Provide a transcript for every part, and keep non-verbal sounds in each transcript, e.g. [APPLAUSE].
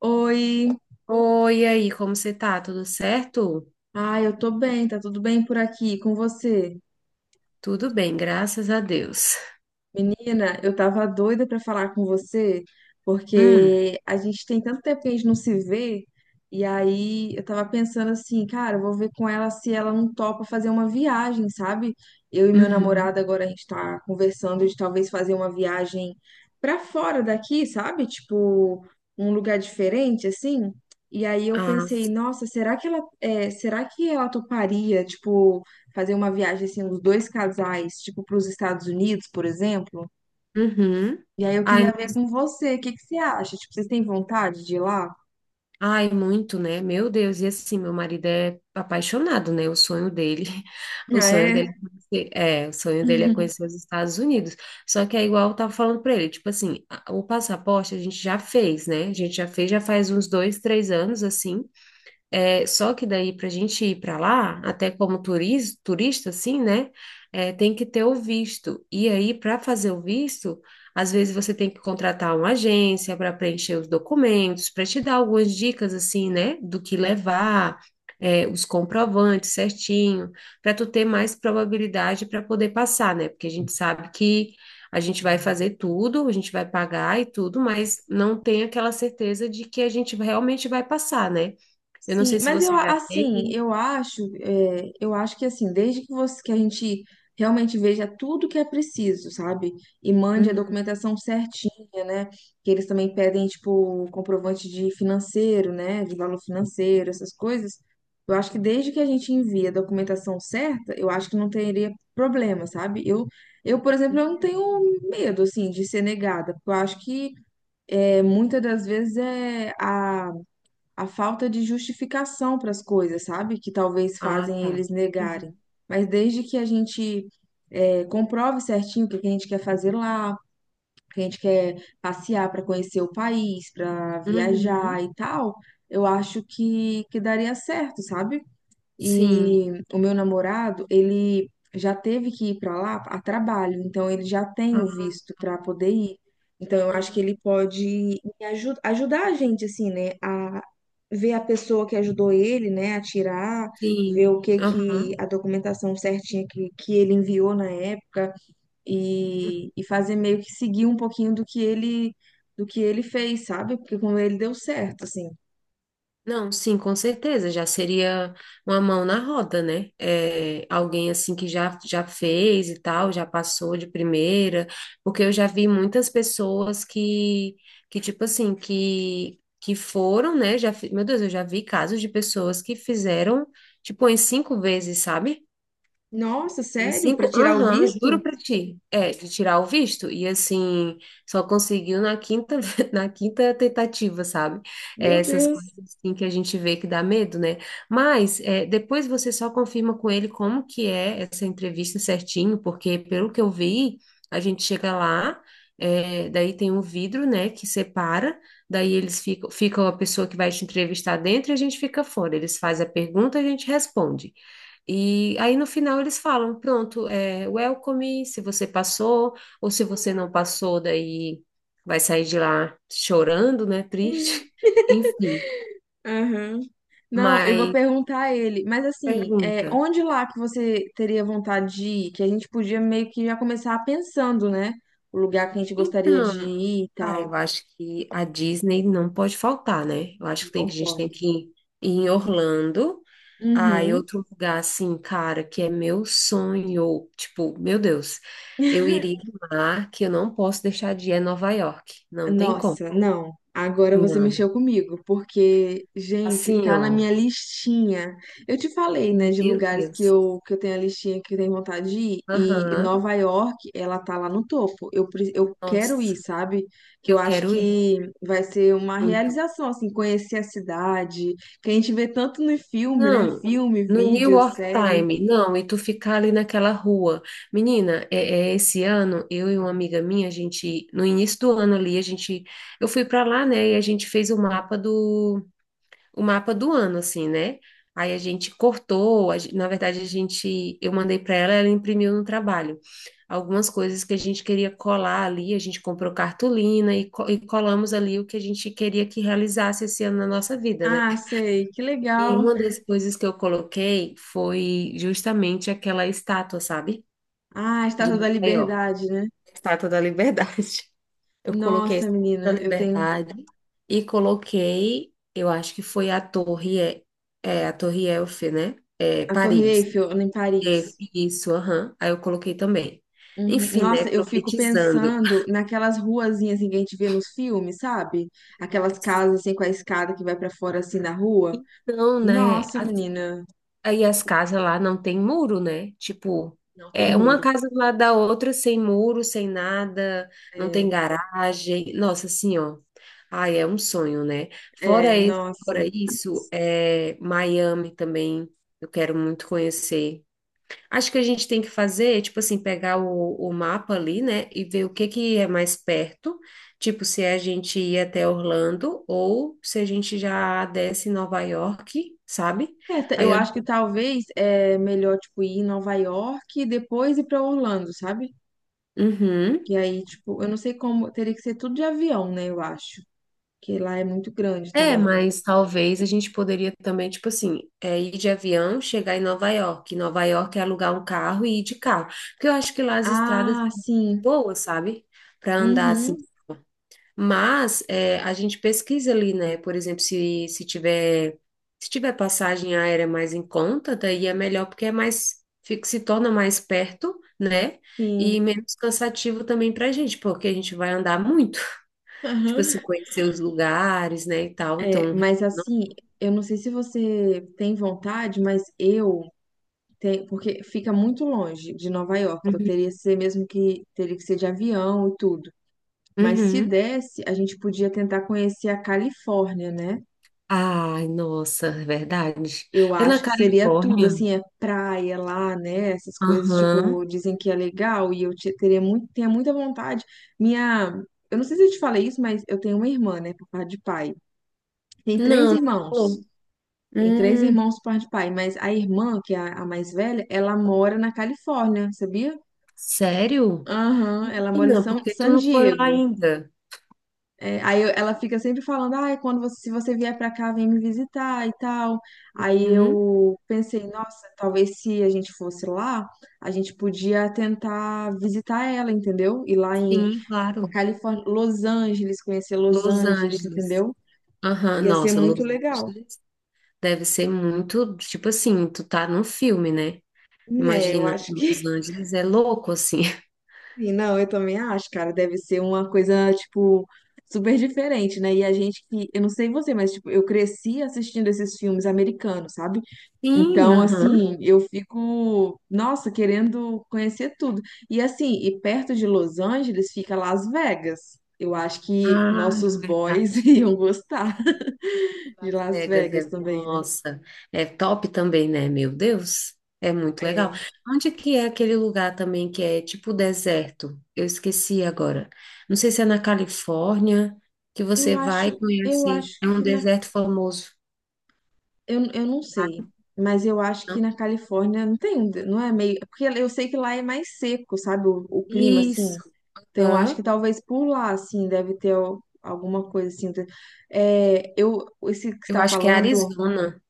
Oi, Oi, e aí, como você tá? Tudo certo? Eu tô bem, tá tudo bem por aqui com você? Tudo bem, graças a Deus. Menina, eu tava doida pra falar com você, Hum, porque a gente tem tanto tempo que a gente não se vê, e aí eu tava pensando assim, cara, eu vou ver com ela se ela não topa fazer uma viagem, sabe? Eu e meu uhum. namorado agora a gente tá conversando de talvez fazer uma viagem pra fora daqui, sabe? Tipo, um lugar diferente assim. E aí eu Ah, pensei, sim. nossa, será que ela, é, será que ela toparia, tipo, fazer uma viagem assim, os dois casais, tipo para os Estados Unidos, por exemplo. Uhum. E aí eu Ai, queria ver com você, o que que você acha? Tipo, vocês têm vontade de ir lá? ai, muito, né? Meu Deus, e assim, meu marido é apaixonado, né? [LAUGHS] O Ah, sonho é? dele o sonho dele é conhecer os Estados Unidos. Só que é igual eu tava falando pra ele, tipo assim, o passaporte a gente já fez, né? A gente já fez, já faz uns 2, 3 anos, assim. É, só que daí, para a gente ir para lá, até como turista, assim, né? É, tem que ter o visto. E aí, para fazer o visto, às vezes você tem que contratar uma agência para preencher os documentos, para te dar algumas dicas, assim, né? Do que levar, é, os comprovantes certinho, para tu ter mais probabilidade para poder passar, né? Porque a gente sabe que a gente vai fazer tudo, a gente vai pagar e tudo, mas não tem aquela certeza de que a gente realmente vai passar, né? Eu não Sim, sei se mas você já assim, tem. eu acho, é, eu acho que assim, desde que você que a gente realmente veja tudo que é preciso, sabe? E mande a Uhum. documentação certinha, né? Que eles também pedem, tipo, um comprovante de financeiro, né? De valor financeiro, essas coisas. Eu acho que desde que a gente envie a documentação certa, eu acho que não teria problema, sabe? Eu, por exemplo, eu não tenho medo, assim, de ser negada, porque eu acho que é, muitas das vezes é a falta de justificação para as coisas, sabe? Que talvez Ah, fazem tá. eles negarem. Uhum. Mas desde que a gente comprove certinho o que que a gente quer fazer lá, que a gente quer passear para conhecer o país, para Uhum. viajar e tal, eu acho que daria certo, sabe? Sim. E o meu namorado, ele já teve que ir para lá a trabalho, então ele já tem o Ah, visto para poder ir. Então eu acho que aham. ele pode ajudar a gente assim, né, a ver a pessoa que ajudou ele, né, a tirar, ver Sim. o que que Aham. a documentação certinha que ele enviou na época e fazer meio que seguir um pouquinho do que ele fez, sabe? Porque com ele deu certo, assim. Não, sim, com certeza. Já seria uma mão na roda, né? É, alguém assim que já fez e tal, já passou de primeira, porque eu já vi muitas pessoas que, que tipo assim, que foram, né? Meu Deus, eu já vi casos de pessoas que fizeram, tipo, em cinco vezes, sabe? Nossa, Uns sério? Para cinco, tirar o aham, visto? juro pra ti. É, de tirar o visto. E assim, só conseguiu [LAUGHS] na quinta tentativa, sabe? É, Meu essas Deus. coisas assim que a gente vê que dá medo, né? Mas é, depois você só confirma com ele como que é essa entrevista certinho, porque pelo que eu vi, a gente chega lá, é, daí tem um vidro, né, que separa, daí fica a pessoa que vai te entrevistar dentro e a gente fica fora. Eles fazem a pergunta, a gente responde. E aí no final eles falam, pronto, é welcome, se você passou, ou se você não passou, daí vai sair de lá chorando, né? Triste. [LAUGHS] Enfim, Aham. Não, eu vou mas perguntar a ele. Mas assim, é, pergunta. onde lá que você teria vontade de ir? Que a gente podia meio que já começar pensando, né? O lugar que a gente gostaria de Então, ir e ah, tal. eu acho que a Disney não pode faltar, né? Eu acho que tem Não que a gente tem pode. que ir em Orlando. Ah, e Uhum. outro lugar assim, cara, que é meu sonho, tipo, meu Deus, eu iria lá, que eu não posso deixar de ir é Nova York. Não tem como. Nossa, não. Agora você Não. mexeu comigo, porque, gente, Assim, tá na ó. minha listinha. Eu te falei, né, Meu de lugares Deus. Que eu tenho a listinha que eu tenho vontade de ir, e Aham. Nova York, ela tá lá no topo. Eu quero Nossa, ir, sabe? Que eu eu acho quero ir que vai ser uma muito. realização, assim, conhecer a cidade, que a gente vê tanto no filme, né? Não, Filme, no New vídeo, York série. Time, não, e tu ficar ali naquela rua. Menina, é esse ano, eu e uma amiga minha, a gente, no início do ano ali, eu fui pra lá, né, e a gente fez o mapa do ano, assim, né? Aí a gente cortou, na verdade, eu mandei para ela, ela imprimiu no trabalho. Algumas coisas que a gente queria colar ali, a gente comprou cartolina e colamos ali o que a gente queria que realizasse esse ano na nossa vida, né? Ah, sei, que E legal. uma das coisas que eu coloquei foi justamente aquela estátua, sabe? Ah, De Estátua da Nova York, Liberdade, né? a Estátua da Liberdade. Eu coloquei a Nossa, Estátua da menina, eu tenho. Liberdade e coloquei, eu acho que foi a Torre Eiffel, né? É, A Torre Paris. Eiffel em É, Paris. isso, aham. Aí eu coloquei também. Uhum. Enfim, né? Nossa, eu fico Profetizando. pensando naquelas ruazinhas assim, que a gente vê nos filmes, sabe? Aquelas casas assim com a escada que vai pra fora assim na rua. Então, né? Nossa, menina, Aí as casas lá não tem muro, né? Tipo, não tem é uma muro. casa do lado da outra, sem muro, sem nada, não tem É, garagem. Nossa, assim, ó. Ai, é um sonho, né? Fora é, esse, nossa. fora isso, é Miami também. Eu quero muito conhecer. Acho que a gente tem que fazer, tipo assim, pegar o mapa ali, né? E ver o que que é mais perto. Tipo, se a gente ir até Orlando ou se a gente já desce em Nova York, sabe? É, Aí eu eu acho que talvez é melhor tipo ir em Nova York e depois ir pra Orlando, sabe? Uhum. Que aí, tipo, eu não sei como, teria que ser tudo de avião, né, eu acho. Que lá é muito grande É, também. mas talvez a gente poderia também, tipo assim, é, ir de avião, chegar em Nova York. Nova York é alugar um carro e ir de carro. Porque eu acho que lá as estradas Ah, são sim. boas, sabe? Para andar assim. Uhum, Mas é, a gente pesquisa ali, né? Por exemplo, se tiver passagem aérea mais em conta, daí é melhor porque se torna mais perto, né? E sim. menos cansativo também para a gente, porque a gente vai andar muito. Tipo assim, [LAUGHS] conhecer os lugares, né, e tal. É, Então, mas não- assim, eu não sei se você tem vontade, mas eu tenho, porque fica muito longe de Nova York, então Uhum. teria que ser mesmo que teria que ser de avião e tudo. Mas se Uhum. desse, a gente podia tentar conhecer a Califórnia, né? Ai, nossa, é verdade. Eu É na acho que seria tudo, Califórnia? assim, é praia lá, né? Essas coisas, Aham. tipo, dizem que é legal e teria muito, tenho muita vontade. Minha, eu não sei se eu te falei isso, mas eu tenho uma irmã, né, por parte de pai. Tem três Não, irmãos. não. Tem três Hum, irmãos por parte de pai, mas a irmã, que é a mais velha, ela mora na Califórnia, sabia? sério? Aham, ela mora em Não, porque tu San não foi lá Diego. ainda. Ela fica sempre falando, ai, se você vier pra cá, vem me visitar e tal. Aí Uhum. eu pensei, nossa, talvez se a gente fosse lá, a gente podia tentar visitar ela, entendeu? Ir lá em Sim, claro. Califórnia, Los Angeles, conhecer Los Los Angeles, Angeles. entendeu? Aham, Ia ser nossa, muito Los legal. Angeles deve ser muito, tipo assim, tu tá num filme, né? É, eu Imagina, acho que Los Angeles é louco assim. [LAUGHS] Sim, não, eu também acho, cara, deve ser uma coisa, tipo, super diferente, né? E a gente que, eu não sei você, mas, tipo, eu cresci assistindo esses filmes americanos, sabe? Sim, Então, aham. assim, eu fico, nossa, querendo conhecer tudo. E, assim, e perto de Los Angeles fica Las Vegas. Eu acho que Ah, é nossos boys [LAUGHS] verdade. iam gostar de Las Las Vegas, Vegas é, também, né? nossa, é top também, né? Meu Deus, é muito legal. É, Onde que é aquele lugar também que é tipo deserto? Eu esqueci agora. Não sei se é na Califórnia que eu você vai e acho, eu acho conhece. É um que na deserto famoso. Eu não Ah, sei, Mas eu acho que não. na Califórnia não tem, não é meio. Porque eu sei que lá é mais seco, sabe? O clima, assim. Isso. Então eu acho que Hã? talvez por lá, assim, deve ter alguma coisa assim. É, eu, esse que Eu está acho que é falando. Arizona.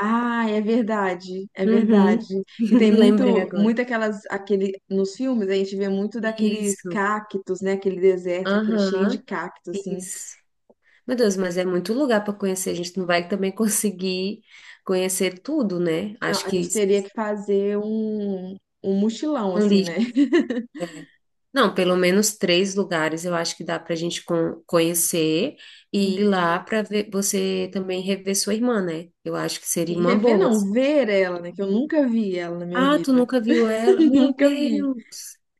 Ah, é verdade, é Uhum. verdade. Que tem [LAUGHS] Lembrei agora. muito aquelas, aquele, nos filmes a gente vê muito daqueles Isso. cactos, né? Aquele deserto, aquele cheio de Aham. cactos, assim. Isso. Meu Deus, mas é muito lugar para conhecer. A gente não vai também conseguir conhecer tudo, né? Não, Acho a que gente teria que fazer um mochilão, assim, né? ali, não, pelo menos três lugares eu acho que dá para a gente conhecer e ir [LAUGHS] lá para ver você também rever sua irmã, né? Eu acho que seria E uma rever boa. não, assim. ver ela, né? Que eu nunca vi ela na minha Ah, tu vida. nunca viu ela? [LAUGHS] Meu Nunca vi. Deus!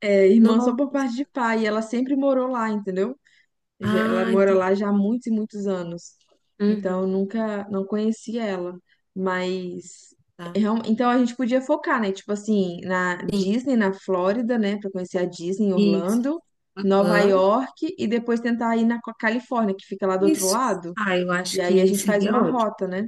É, irmã só Nossa! por parte de pai. E ela sempre morou lá, entendeu? Ela Ah, mora entendi. lá já há muitos e muitos anos. Então eu Uhum, nunca, não conheci ela. Mas. tá. Então a gente podia focar, né? Tipo assim, na Sim, Disney, na Flórida, né? Pra conhecer a Disney em isso. Orlando, Nova Aham, York e depois tentar ir na Califórnia, que fica lá do outro Isso. lado. Ah, eu E acho aí a que gente faz seria uma ótimo. rota, né?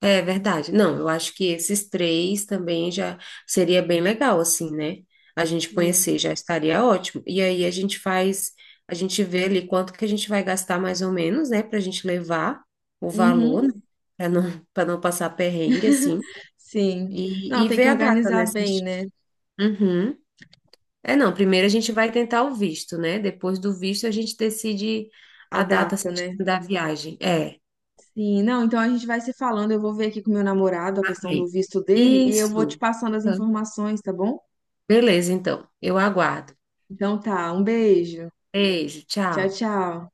É verdade. Não, eu acho que esses três também já seria bem legal, assim, né? A gente Sim. conhecer já estaria ótimo. E aí a gente faz, a gente vê ali quanto que a gente vai gastar mais ou menos, né? Pra gente levar o valor, Uhum. né? Pra não, [LAUGHS] pra não passar perrengue, assim. Sim. E, Não, e tem que ver a data, organizar né? bem, né? Uhum. É, não, primeiro a gente vai tentar o visto, né? Depois do visto a gente decide A a data data, certinha né? da viagem. É, Sim. Não, então a gente vai se falando. Eu vou ver aqui com meu namorado a tá questão do bem. visto dele e eu vou te Isso. passando as informações, tá bom? Beleza, então. Eu aguardo. Então tá. Um beijo. Beijo, Tchau, tchau. tchau.